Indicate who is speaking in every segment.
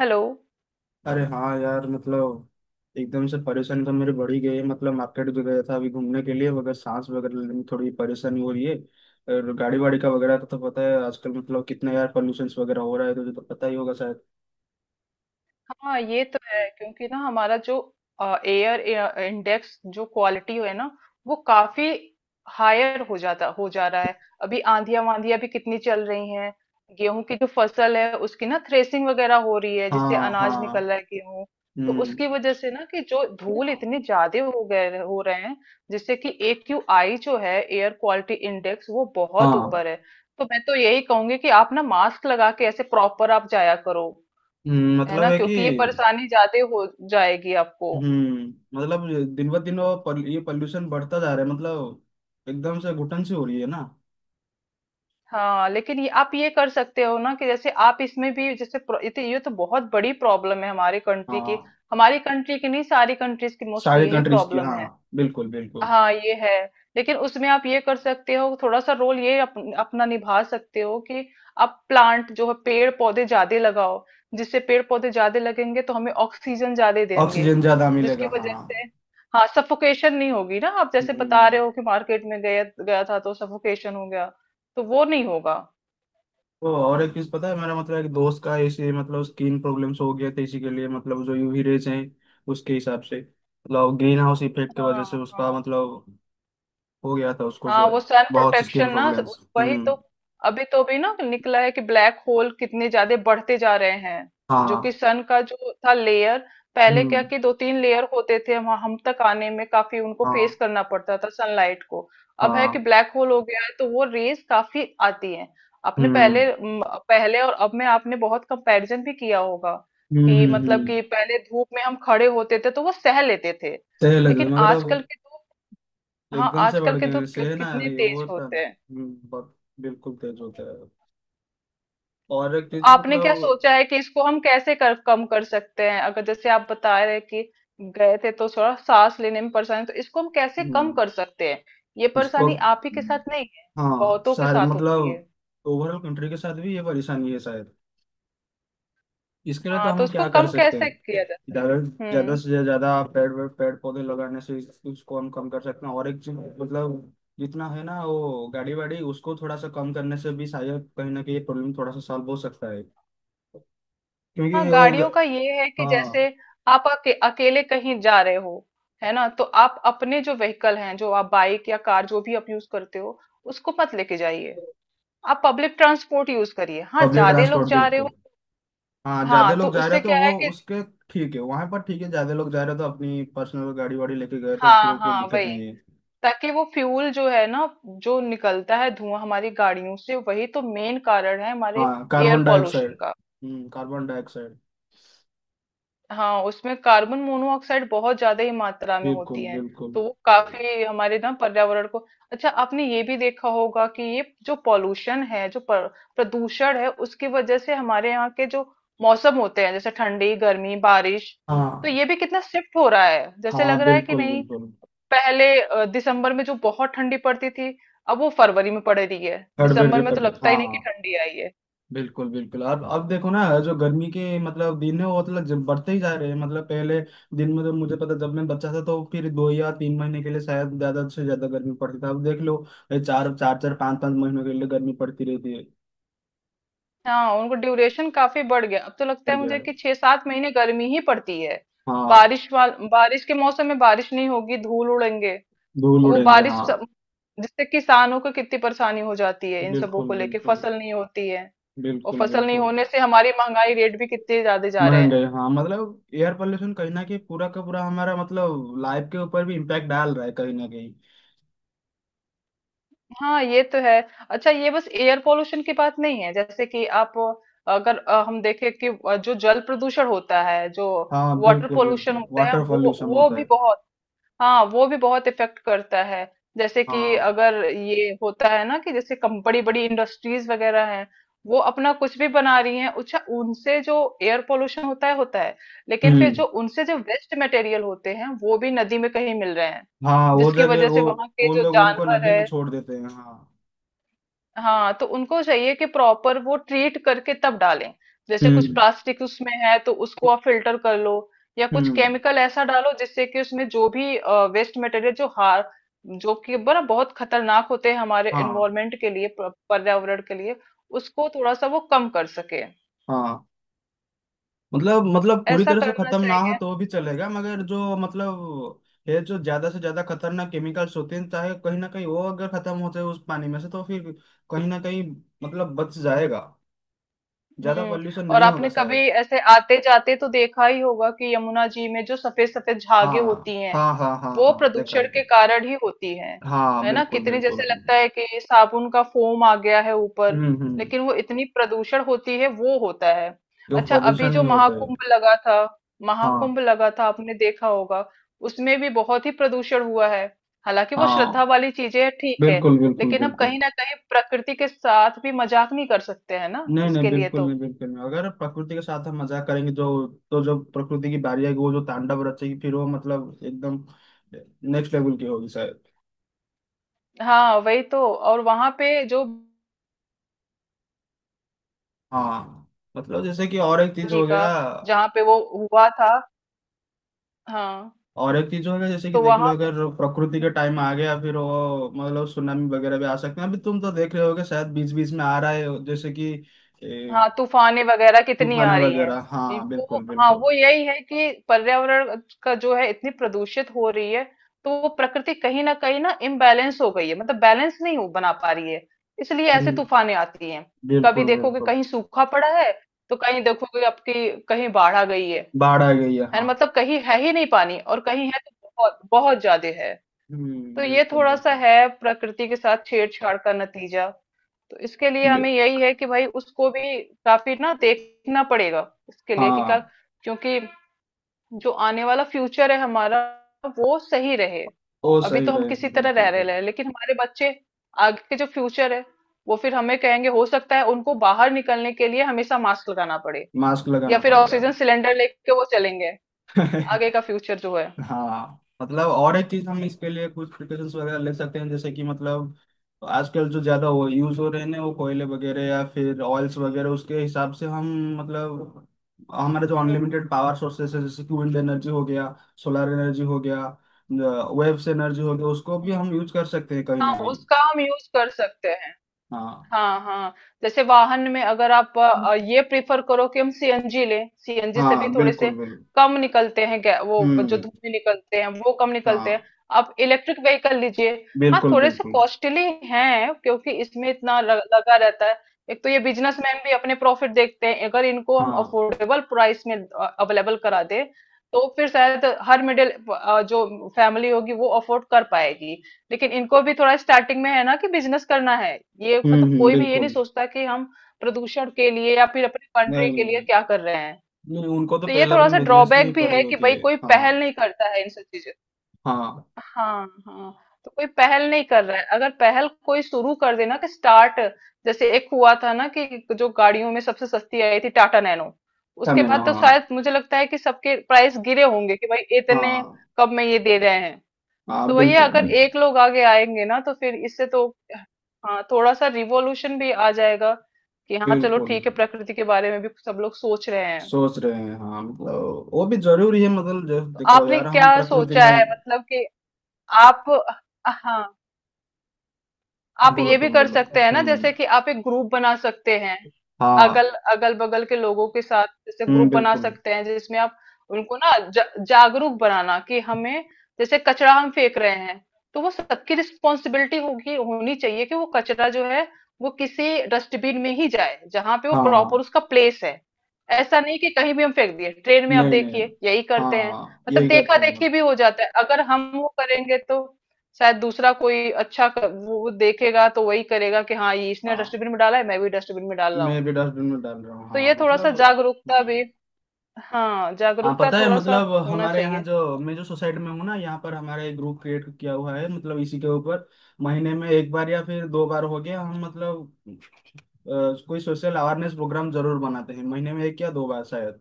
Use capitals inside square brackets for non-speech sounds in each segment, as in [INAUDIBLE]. Speaker 1: Hello.
Speaker 2: अरे हाँ यार मतलब एकदम से परेशानी तो मेरी बढ़ ही गई है। मतलब मार्केट जो गया था अभी घूमने के लिए वगैरह सांस वगैरह लेने में थोड़ी परेशानी हो रही है। और गाड़ी वाड़ी का वगैरह का तो पता है, आजकल मतलब कितना यार पोल्यूशन वगैरह हो रहा है, तुझे तो पता ही होगा शायद।
Speaker 1: हाँ ये तो है क्योंकि ना हमारा जो एयर इंडेक्स जो क्वालिटी है ना वो काफी हायर हो जा रहा है। अभी आंधियां वांधियां भी कितनी चल रही हैं। गेहूं की जो फसल है उसकी ना थ्रेसिंग वगैरह हो रही है जिससे
Speaker 2: हाँ
Speaker 1: अनाज निकल
Speaker 2: हाँ।
Speaker 1: रहा है गेहूं, तो
Speaker 2: हम्म।
Speaker 1: उसकी वजह से ना कि जो धूल इतने ज्यादा हो रहे हैं, जिससे कि AQI जो है एयर क्वालिटी इंडेक्स वो बहुत
Speaker 2: हाँ।
Speaker 1: ऊपर है। तो मैं तो यही कहूंगी कि आप ना मास्क लगा के ऐसे प्रॉपर आप जाया करो, है
Speaker 2: मतलब
Speaker 1: ना?
Speaker 2: है कि।
Speaker 1: क्योंकि ये परेशानी ज्यादा हो जाएगी आपको।
Speaker 2: हम्म। मतलब दिन ब दिन वो ये पॉल्यूशन बढ़ता जा रहा है मतलब। एकदम से घुटन सी हो रही है ना।
Speaker 1: हाँ, लेकिन ये आप ये कर सकते हो ना कि जैसे आप इसमें भी जैसे ये तो बहुत बड़ी प्रॉब्लम है हमारी कंट्री की।
Speaker 2: हाँ।
Speaker 1: हमारी कंट्री की नहीं, सारी कंट्रीज की
Speaker 2: सारी
Speaker 1: मोस्टली यही
Speaker 2: कंट्रीज की,
Speaker 1: प्रॉब्लम
Speaker 2: हाँ,
Speaker 1: है।
Speaker 2: बिल्कुल बिल्कुल।
Speaker 1: हाँ ये है। लेकिन उसमें आप ये कर सकते हो, थोड़ा सा रोल ये अपना निभा सकते हो कि आप प्लांट जो है पेड़ पौधे ज्यादा लगाओ। जिससे पेड़ पौधे ज्यादा लगेंगे तो हमें ऑक्सीजन ज्यादा देंगे,
Speaker 2: ऑक्सीजन ज्यादा मिलेगा,
Speaker 1: जिसकी
Speaker 2: हाँ।
Speaker 1: वजह से, हाँ, सफोकेशन नहीं होगी ना। आप जैसे बता
Speaker 2: हम्म।
Speaker 1: रहे हो कि मार्केट में गया गया था तो सफोकेशन हो गया, तो वो नहीं होगा।
Speaker 2: वो और एक चीज पता है, मेरा मतलब एक दोस्त का ऐसे मतलब स्किन प्रॉब्लम्स हो गया था इसी के लिए, मतलब जो यूवी रेज हैं उसके हिसाब से मतलब ग्रीन हाउस इफेक्ट की वजह से
Speaker 1: हाँ
Speaker 2: उसका
Speaker 1: हाँ
Speaker 2: मतलब हो गया था उसको से।
Speaker 1: हाँ, वो सन
Speaker 2: बहुत स्किन
Speaker 1: प्रोटेक्शन ना।
Speaker 2: प्रॉब्लम्स।
Speaker 1: वही तो।
Speaker 2: हम्म।
Speaker 1: अभी तो भी ना निकला है कि ब्लैक होल कितने ज्यादा बढ़ते जा रहे हैं, जो कि
Speaker 2: हाँ।
Speaker 1: सन का जो था लेयर। पहले क्या
Speaker 2: हम्म।
Speaker 1: कि दो तीन लेयर होते थे, हम तक आने में काफी उनको
Speaker 2: हाँ
Speaker 1: फेस करना पड़ता था सनलाइट को। अब है कि
Speaker 2: हाँ।
Speaker 1: ब्लैक होल हो गया है तो वो रेज काफी आती है। आपने
Speaker 2: हम्म
Speaker 1: पहले और अब में आपने बहुत कंपैरिजन भी किया होगा कि
Speaker 2: हम्म।
Speaker 1: मतलब
Speaker 2: हम्म।
Speaker 1: कि पहले धूप में हम खड़े होते थे तो वो सह लेते थे।
Speaker 2: सही लगे
Speaker 1: लेकिन
Speaker 2: मगर अब
Speaker 1: आजकल के तो, हाँ,
Speaker 2: एकदम से बढ़
Speaker 1: आजकल के
Speaker 2: गए हैं,
Speaker 1: धूप
Speaker 2: सही ना,
Speaker 1: कितने
Speaker 2: ये
Speaker 1: तेज
Speaker 2: होता है,
Speaker 1: होते हैं।
Speaker 2: हम्म, बहुत। बिल्कुल तेज होता है। और एक
Speaker 1: तो
Speaker 2: चीज
Speaker 1: आपने क्या
Speaker 2: मतलब।
Speaker 1: सोचा है कि इसको हम कैसे कम कर सकते हैं? अगर जैसे आप बता रहे हैं कि गए थे तो थोड़ा सांस लेने में परेशानी, तो इसको हम कैसे कम
Speaker 2: हम्म।
Speaker 1: कर सकते हैं? ये
Speaker 2: इसको।
Speaker 1: परेशानी आप ही के साथ नहीं है,
Speaker 2: हाँ
Speaker 1: बहुतों के
Speaker 2: शायद
Speaker 1: साथ होती है।
Speaker 2: मतलब ओवरऑल कंट्री के साथ भी ये परेशानी है शायद। इसके लिए तो
Speaker 1: हाँ तो
Speaker 2: हम
Speaker 1: उसको
Speaker 2: क्या कर
Speaker 1: कम
Speaker 2: सकते हैं?
Speaker 1: कैसे किया जा
Speaker 2: ज्यादा,
Speaker 1: सकता है?
Speaker 2: ज्यादा
Speaker 1: हम्म।
Speaker 2: से ज्यादा पेड़, पेड़ पौधे लगाने से इसको हम कम कर सकते हैं। और एक चीज मतलब जितना है ना वो गाड़ी वाड़ी उसको थोड़ा सा कम करने से भी शायद कहीं ना कहीं प्रॉब्लम थोड़ा सा सॉल्व हो सकता है। क्योंकि
Speaker 1: हाँ,
Speaker 2: वो
Speaker 1: गाड़ियों
Speaker 2: ग-
Speaker 1: का ये है कि जैसे
Speaker 2: हाँ।
Speaker 1: आप अकेले कहीं जा रहे हो, है ना? तो आप अपने जो व्हीकल हैं, जो आप बाइक या कार जो भी आप यूज करते हो, उसको मत लेके जाइए। आप पब्लिक ट्रांसपोर्ट यूज करिए। हाँ,
Speaker 2: पब्लिक
Speaker 1: ज्यादा लोग
Speaker 2: ट्रांसपोर्ट
Speaker 1: जा रहे हो।
Speaker 2: बिल्कुल। हाँ, ज्यादा
Speaker 1: हाँ तो
Speaker 2: लोग जा रहे
Speaker 1: उससे
Speaker 2: हैं तो
Speaker 1: क्या है
Speaker 2: वो
Speaker 1: कि,
Speaker 2: उसके। ठीक है, वहां पर ठीक है, ज्यादा लोग जा रहे हैं तो अपनी पर्सनल गाड़ी वाड़ी लेके गए तो फिर
Speaker 1: हाँ
Speaker 2: वो कोई
Speaker 1: हाँ,
Speaker 2: दिक्कत
Speaker 1: वही,
Speaker 2: नहीं है।
Speaker 1: ताकि वो फ्यूल जो है ना, जो निकलता है धुआं हमारी गाड़ियों से, वही तो मेन कारण है हमारे
Speaker 2: हाँ,
Speaker 1: एयर
Speaker 2: कार्बन
Speaker 1: पॉल्यूशन
Speaker 2: डाइऑक्साइड।
Speaker 1: का।
Speaker 2: हम्म, कार्बन डाइऑक्साइड।
Speaker 1: हाँ, उसमें कार्बन मोनोऑक्साइड बहुत ज्यादा ही मात्रा में
Speaker 2: बिल्कुल
Speaker 1: होती है,
Speaker 2: बिल्कुल।
Speaker 1: तो वो काफी हमारे ना पर्यावरण को। अच्छा, आपने ये भी देखा होगा कि ये जो पॉल्यूशन है, जो प्रदूषण है, उसकी वजह से हमारे यहाँ के जो मौसम होते हैं जैसे ठंडी, गर्मी, बारिश, तो
Speaker 2: हाँ।
Speaker 1: ये भी कितना शिफ्ट हो रहा है, जैसे लग
Speaker 2: हाँ
Speaker 1: रहा है कि
Speaker 2: बिल्कुल
Speaker 1: नहीं?
Speaker 2: बिल्कुल।
Speaker 1: पहले दिसंबर में जो बहुत ठंडी पड़ती थी, अब वो फरवरी में पड़ रही है।
Speaker 2: थर्ड बेड
Speaker 1: दिसंबर में तो
Speaker 2: रिपेयर,
Speaker 1: लगता ही
Speaker 2: हाँ।
Speaker 1: नहीं कि ठंडी आई है।
Speaker 2: बिल्कुल बिल्कुल। अब देखो ना, जो गर्मी के मतलब दिन है वो मतलब जब बढ़ते ही जा रहे हैं, मतलब पहले दिन में तो मुझे पता जब मैं बच्चा था तो फिर दो या तीन महीने के लिए शायद ज्यादा से ज्यादा गर्मी पड़ती था, अब देख लो ये चार चार चार पाँच पाँच महीनों के लिए गर्मी पड़ती रहती है।
Speaker 1: हाँ, उनको ड्यूरेशन काफी बढ़ गया। अब तो लगता
Speaker 2: पड़
Speaker 1: है
Speaker 2: गया
Speaker 1: मुझे कि
Speaker 2: है।
Speaker 1: 6-7 महीने गर्मी ही पड़ती है।
Speaker 2: हाँ।
Speaker 1: बारिश के मौसम में बारिश नहीं होगी, धूल उड़ेंगे।
Speaker 2: धूल
Speaker 1: और वो
Speaker 2: उड़ेंगे,
Speaker 1: बारिश
Speaker 2: हाँ।
Speaker 1: जिससे किसानों को कितनी परेशानी हो जाती है, इन सबों
Speaker 2: बिल्कुल
Speaker 1: को लेके
Speaker 2: बिल्कुल।
Speaker 1: फसल नहीं होती है। और
Speaker 2: बिल्कुल
Speaker 1: फसल नहीं
Speaker 2: बिल्कुल।
Speaker 1: होने से हमारी महंगाई रेट भी कितने ज्यादा जा रहे हैं।
Speaker 2: महंगाई, हाँ, मतलब एयर पोल्यूशन कहीं ना कहीं पूरा का पूरा हमारा मतलब लाइफ के ऊपर भी इम्पैक्ट डाल रहा है कहीं ना कहीं।
Speaker 1: हाँ ये तो है। अच्छा, ये बस एयर पोल्यूशन की बात नहीं है, जैसे कि आप अगर हम देखें कि जो जल प्रदूषण होता है, जो
Speaker 2: हाँ
Speaker 1: वाटर
Speaker 2: बिल्कुल
Speaker 1: पोल्यूशन
Speaker 2: बिल्कुल,
Speaker 1: होता है,
Speaker 2: वाटर
Speaker 1: वो
Speaker 2: पोल्यूशन
Speaker 1: वो
Speaker 2: होता
Speaker 1: भी
Speaker 2: है।
Speaker 1: बहुत, हाँ वो भी बहुत इफेक्ट करता है। जैसे कि
Speaker 2: हाँ।
Speaker 1: अगर ये होता है ना कि जैसे कम बड़ी बड़ी इंडस्ट्रीज वगैरह हैं, वो अपना कुछ भी बना रही हैं। अच्छा, उनसे जो एयर पोल्यूशन होता है, लेकिन फिर
Speaker 2: हम्म।
Speaker 1: जो उनसे जो वेस्ट मटेरियल होते हैं, वो भी नदी में कहीं मिल रहे हैं,
Speaker 2: हाँ वो
Speaker 1: जिसकी
Speaker 2: जगह
Speaker 1: वजह से
Speaker 2: वो
Speaker 1: वहां के
Speaker 2: वो
Speaker 1: जो
Speaker 2: लोग उनको
Speaker 1: जानवर
Speaker 2: नदी में
Speaker 1: है।
Speaker 2: छोड़ देते हैं, हाँ।
Speaker 1: हाँ तो उनको चाहिए कि प्रॉपर वो ट्रीट करके तब डालें। जैसे कुछ
Speaker 2: हम्म
Speaker 1: प्लास्टिक उसमें है तो उसको आप फिल्टर कर लो, या कुछ
Speaker 2: हम्म।
Speaker 1: केमिकल ऐसा डालो जिससे कि उसमें जो भी वेस्ट मटेरियल जो कि बड़ा बहुत खतरनाक होते हैं हमारे
Speaker 2: हाँ।
Speaker 1: एनवायरमेंट के लिए, पर्यावरण के लिए, उसको थोड़ा सा वो कम कर सके।
Speaker 2: हाँ। मतलब पूरी
Speaker 1: ऐसा
Speaker 2: तरह से
Speaker 1: करना।
Speaker 2: खत्म ना हो तो भी चलेगा, मगर जो मतलब ये जो ज्यादा से ज्यादा खतरनाक केमिकल्स होते हैं, चाहे कहीं ना कहीं वो अगर खत्म होते हैं उस पानी में से तो फिर कहीं ना कहीं मतलब बच जाएगा, ज्यादा
Speaker 1: हम्म।
Speaker 2: पॉल्यूशन
Speaker 1: और
Speaker 2: नहीं होगा
Speaker 1: आपने कभी
Speaker 2: शायद।
Speaker 1: ऐसे आते जाते तो देखा ही होगा कि यमुना जी में जो सफेद सफेद
Speaker 2: हाँ
Speaker 1: झागे होती हैं,
Speaker 2: हाँ हाँ हाँ
Speaker 1: वो
Speaker 2: हाँ, देखा है,
Speaker 1: प्रदूषण के
Speaker 2: देखा।
Speaker 1: कारण ही होती हैं,
Speaker 2: हाँ
Speaker 1: है ना?
Speaker 2: बिल्कुल
Speaker 1: कितनी
Speaker 2: बिल्कुल।
Speaker 1: जैसे लगता है कि साबुन का फोम आ गया है ऊपर,
Speaker 2: हम्म।
Speaker 1: लेकिन वो इतनी प्रदूषण होती है वो होता है।
Speaker 2: जो
Speaker 1: अच्छा, अभी
Speaker 2: प्रदूषण
Speaker 1: जो
Speaker 2: नहीं होता है।
Speaker 1: महाकुंभ लगा था,
Speaker 2: हाँ।
Speaker 1: महाकुंभ लगा था, आपने देखा होगा। उसमें भी बहुत ही प्रदूषण हुआ है। हालांकि वो
Speaker 2: हाँ
Speaker 1: श्रद्धा वाली चीजें हैं, ठीक है,
Speaker 2: बिल्कुल बिल्कुल
Speaker 1: लेकिन हम
Speaker 2: बिल्कुल।
Speaker 1: कहीं ना कहीं प्रकृति के साथ भी मजाक नहीं कर सकते हैं ना,
Speaker 2: नहीं नहीं
Speaker 1: इसके लिए
Speaker 2: बिल्कुल
Speaker 1: तो।
Speaker 2: नहीं बिल्कुल नहीं, अगर प्रकृति के साथ हम मजाक करेंगे जो तो जो प्रकृति की बारी आएगी वो जो तांडव रचेगी फिर वो मतलब एकदम नेक्स्ट लेवल की होगी शायद।
Speaker 1: हाँ वही तो। और वहां पे जो
Speaker 2: हाँ। मतलब जैसे कि और एक चीज
Speaker 1: जी
Speaker 2: हो
Speaker 1: का
Speaker 2: गया।
Speaker 1: जहाँ पे वो हुआ था, हाँ
Speaker 2: और एक चीज होगा जैसे कि
Speaker 1: तो
Speaker 2: देख लो,
Speaker 1: वहां।
Speaker 2: अगर प्रकृति के टाइम आ गया फिर वो मतलब सुनामी वगैरह भी आ सकते हैं, अभी तुम तो देख रहे होगे शायद, बीच बीच में आ रहा है जैसे कि। ए,
Speaker 1: हाँ, तूफानें वगैरह कितनी
Speaker 2: तूफान
Speaker 1: आ रही हैं।
Speaker 2: वगैरह,
Speaker 1: ये
Speaker 2: हाँ
Speaker 1: वो,
Speaker 2: बिल्कुल
Speaker 1: हाँ,
Speaker 2: बिल्कुल।
Speaker 1: वो यही है कि पर्यावरण का जो है इतनी प्रदूषित हो रही है, तो वो प्रकृति कहीं ना इम्बैलेंस हो गई है, मतलब बैलेंस नहीं हो बना पा रही है, इसलिए ऐसे
Speaker 2: हम्म
Speaker 1: तूफानें आती हैं। कभी
Speaker 2: बिल्कुल
Speaker 1: देखोगे
Speaker 2: बिल्कुल।
Speaker 1: कहीं सूखा पड़ा है, तो कहीं देखोगे आपकी कहीं बाढ़ आ गई है
Speaker 2: बाढ़ आ गई है,
Speaker 1: है ना?
Speaker 2: हाँ।
Speaker 1: मतलब कहीं है ही नहीं पानी, और कहीं है तो बहुत बहुत ज्यादा है। तो ये
Speaker 2: बिल्कुल
Speaker 1: थोड़ा सा
Speaker 2: बिल्कुल।
Speaker 1: है प्रकृति के साथ छेड़छाड़ का नतीजा। तो इसके लिए हमें
Speaker 2: बि-
Speaker 1: यही है कि भाई उसको भी काफी ना देखना पड़ेगा इसके लिए, कि क्या,
Speaker 2: हाँ।
Speaker 1: क्योंकि जो आने वाला फ्यूचर है हमारा, वो सही रहे।
Speaker 2: वो
Speaker 1: अभी
Speaker 2: सही
Speaker 1: तो हम
Speaker 2: रहे,
Speaker 1: किसी तरह
Speaker 2: बिल्कुल
Speaker 1: रह रहे
Speaker 2: बिल्कुल।
Speaker 1: हैं, लेकिन हमारे बच्चे आगे के जो फ्यूचर है, वो फिर हमें कहेंगे। हो सकता है उनको बाहर निकलने के लिए हमेशा मास्क लगाना पड़े,
Speaker 2: मास्क
Speaker 1: या
Speaker 2: लगाना
Speaker 1: फिर
Speaker 2: पड़ेगा।
Speaker 1: ऑक्सीजन सिलेंडर लेके वो चलेंगे आगे का
Speaker 2: [LAUGHS]
Speaker 1: फ्यूचर जो है।
Speaker 2: हाँ मतलब और एक चीज, हम इसके लिए कुछ प्रिकॉशंस वगैरह ले सकते हैं जैसे कि, मतलब तो आजकल जो ज्यादा वो यूज हो रहे हैं ना वो कोयले वगैरह या फिर ऑयल्स वगैरह, उसके हिसाब से हम मतलब हमारे जो
Speaker 1: हम्म।
Speaker 2: अनलिमिटेड पावर सोर्सेस है जैसे कि विंड एनर्जी हो गया, सोलर एनर्जी हो गया, वेव्स एनर्जी हो गया, उसको भी
Speaker 1: हम्म।
Speaker 2: हम यूज कर सकते हैं कहीं
Speaker 1: हाँ,
Speaker 2: ना कहीं।
Speaker 1: उसका हम यूज कर सकते हैं।
Speaker 2: हाँ।
Speaker 1: हाँ हाँ। जैसे वाहन में अगर आप ये प्रिफर करो कि हम सीएनजी लें, सीएनजी से
Speaker 2: हाँ
Speaker 1: भी थोड़े से
Speaker 2: बिल्कुल बिल्कुल।
Speaker 1: कम निकलते हैं वो जो
Speaker 2: हम्म।
Speaker 1: धुएं निकलते हैं वो कम निकलते हैं।
Speaker 2: हाँ
Speaker 1: आप इलेक्ट्रिक व्हीकल लीजिए। हाँ,
Speaker 2: बिल्कुल
Speaker 1: थोड़े से
Speaker 2: बिल्कुल।
Speaker 1: कॉस्टली हैं, क्योंकि इसमें इतना लगा रहता है। एक तो ये बिजनेसमैन भी अपने प्रॉफिट देखते हैं। अगर इनको हम
Speaker 2: हाँ।
Speaker 1: अफोर्डेबल प्राइस में अवेलेबल करा दे, तो फिर शायद हर मिडिल जो फैमिली होगी वो अफोर्ड कर पाएगी। लेकिन इनको भी थोड़ा स्टार्टिंग में है ना कि बिजनेस करना है, ये मतलब कोई भी ये नहीं
Speaker 2: बिल्कुल।
Speaker 1: सोचता कि हम प्रदूषण के लिए या फिर अपनी
Speaker 2: नहीं
Speaker 1: कंट्री के
Speaker 2: नहीं
Speaker 1: लिए
Speaker 2: नहीं,
Speaker 1: क्या कर रहे हैं।
Speaker 2: नहीं उनको तो
Speaker 1: तो ये
Speaker 2: पहले
Speaker 1: थोड़ा
Speaker 2: अपने
Speaker 1: सा
Speaker 2: बिजनेस की ही
Speaker 1: ड्रॉबैक भी
Speaker 2: पड़ी
Speaker 1: है कि
Speaker 2: होती
Speaker 1: भाई
Speaker 2: है।
Speaker 1: कोई पहल
Speaker 2: हाँ।
Speaker 1: नहीं करता है इन सब चीजों।
Speaker 2: हाँ,
Speaker 1: हाँ हाँ। तो कोई पहल नहीं कर रहा है। अगर पहल कोई शुरू कर देना कि स्टार्ट, जैसे एक हुआ था ना कि जो गाड़ियों में सबसे सस्ती आई थी टाटा नैनो, उसके
Speaker 2: करने लो,
Speaker 1: बाद तो
Speaker 2: हाँ।
Speaker 1: शायद मुझे लगता है कि सबके प्राइस गिरे होंगे कि भाई इतने
Speaker 2: हाँ।
Speaker 1: कब में ये दे रहे हैं।
Speaker 2: हाँ
Speaker 1: तो वही है, अगर
Speaker 2: बिल्कुल
Speaker 1: एक लोग आगे आएंगे ना तो फिर इससे तो, हाँ, थोड़ा सा रिवॉल्यूशन भी आ जाएगा कि हाँ चलो
Speaker 2: बिल्कुल,
Speaker 1: ठीक है प्रकृति के बारे में भी सब लोग सोच रहे हैं।
Speaker 2: सोच रहे हैं, हाँ, मतलब वो भी जरूरी है, मतलब जब
Speaker 1: तो
Speaker 2: देखो
Speaker 1: आपने
Speaker 2: यार हम
Speaker 1: क्या
Speaker 2: प्रकृति
Speaker 1: सोचा
Speaker 2: में।
Speaker 1: है मतलब कि आप, हाँ,
Speaker 2: हाँ
Speaker 1: आप
Speaker 2: बोलो,
Speaker 1: ये भी
Speaker 2: तुम
Speaker 1: कर
Speaker 2: बोलो।
Speaker 1: सकते हैं ना
Speaker 2: हम्म।
Speaker 1: जैसे कि आप एक ग्रुप बना सकते हैं,
Speaker 2: हाँ।
Speaker 1: अगल अगल बगल के लोगों के साथ, जैसे ग्रुप बना
Speaker 2: बिल्कुल।
Speaker 1: सकते हैं जिसमें आप उनको ना जागरूक बनाना कि हमें जैसे कचरा हम फेंक रहे हैं, तो वो सबकी रिस्पॉन्सिबिलिटी होगी होनी चाहिए कि वो कचरा जो है वो किसी डस्टबिन में ही जाए, जहां पे वो प्रॉपर
Speaker 2: हाँ।
Speaker 1: उसका प्लेस है। ऐसा नहीं कि कहीं भी हम फेंक दिए, ट्रेन में आप
Speaker 2: नहीं नहीं,
Speaker 1: देखिए यही
Speaker 2: हाँ
Speaker 1: करते हैं।
Speaker 2: हाँ
Speaker 1: मतलब
Speaker 2: यही
Speaker 1: देखा
Speaker 2: करते हैं
Speaker 1: देखी
Speaker 2: मतलब।
Speaker 1: भी हो जाता है। अगर हम वो करेंगे तो शायद दूसरा कोई अच्छा वो देखेगा तो वही करेगा कि हाँ ये इसने
Speaker 2: हाँ,
Speaker 1: डस्टबिन में डाला है, मैं भी डस्टबिन में डाल रहा
Speaker 2: मैं
Speaker 1: हूँ।
Speaker 2: भी डस्टबिन में डाल रहा हूँ,
Speaker 1: तो
Speaker 2: हाँ
Speaker 1: ये थोड़ा सा
Speaker 2: मतलब।
Speaker 1: जागरूकता भी,
Speaker 2: हम्म।
Speaker 1: हाँ,
Speaker 2: हाँ
Speaker 1: जागरूकता
Speaker 2: पता है,
Speaker 1: थोड़ा सा
Speaker 2: मतलब
Speaker 1: होना
Speaker 2: हमारे यहाँ
Speaker 1: चाहिए।
Speaker 2: जो मैं जो सोसाइटी में हूँ ना, यहाँ पर हमारा एक ग्रुप क्रिएट किया हुआ है मतलब इसी के ऊपर। महीने में एक बार या फिर दो बार हो गया, हम मतलब अ, कोई सोशल अवेयरनेस प्रोग्राम जरूर बनाते हैं महीने में एक या दो बार शायद।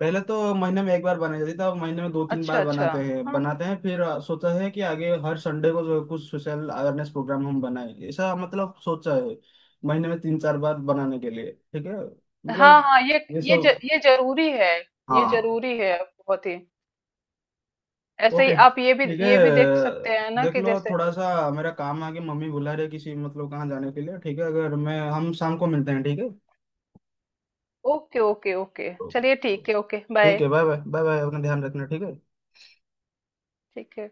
Speaker 2: पहले तो महीने में एक बार बनाई जाती थी, अब महीने में दो तीन
Speaker 1: अच्छा
Speaker 2: बार
Speaker 1: अच्छा।
Speaker 2: बनाते हैं
Speaker 1: हाँ
Speaker 2: बनाते हैं, फिर सोचा है कि आगे हर संडे को जो कुछ सोशल अवेयरनेस प्रोग्राम हम बनाएं ऐसा, मतलब सोचा है। महीने में तीन चार बार बनाने के लिए ठीक है,
Speaker 1: हाँ
Speaker 2: मतलब
Speaker 1: हाँ,
Speaker 2: ये सब।
Speaker 1: ये जरूरी है। ये
Speaker 2: हाँ।
Speaker 1: जरूरी है, बहुत ही। ऐसे ही
Speaker 2: ओके
Speaker 1: आप ये भी
Speaker 2: ठीक है,
Speaker 1: ये भी देख सकते हैं ना
Speaker 2: देख
Speaker 1: कि
Speaker 2: लो
Speaker 1: जैसे,
Speaker 2: थोड़ा सा, मेरा काम आगे मम्मी बुला रही है किसी मतलब कहाँ जाने के लिए, ठीक है अगर, मैं हम शाम को मिलते हैं ठीक है।
Speaker 1: ओके ओके ओके,
Speaker 2: ओके
Speaker 1: चलिए ठीक है, ओके
Speaker 2: ठीक
Speaker 1: बाय,
Speaker 2: है, बाय बाय बाय बाय, अपना ध्यान रखना ठीक है।
Speaker 1: ठीक है।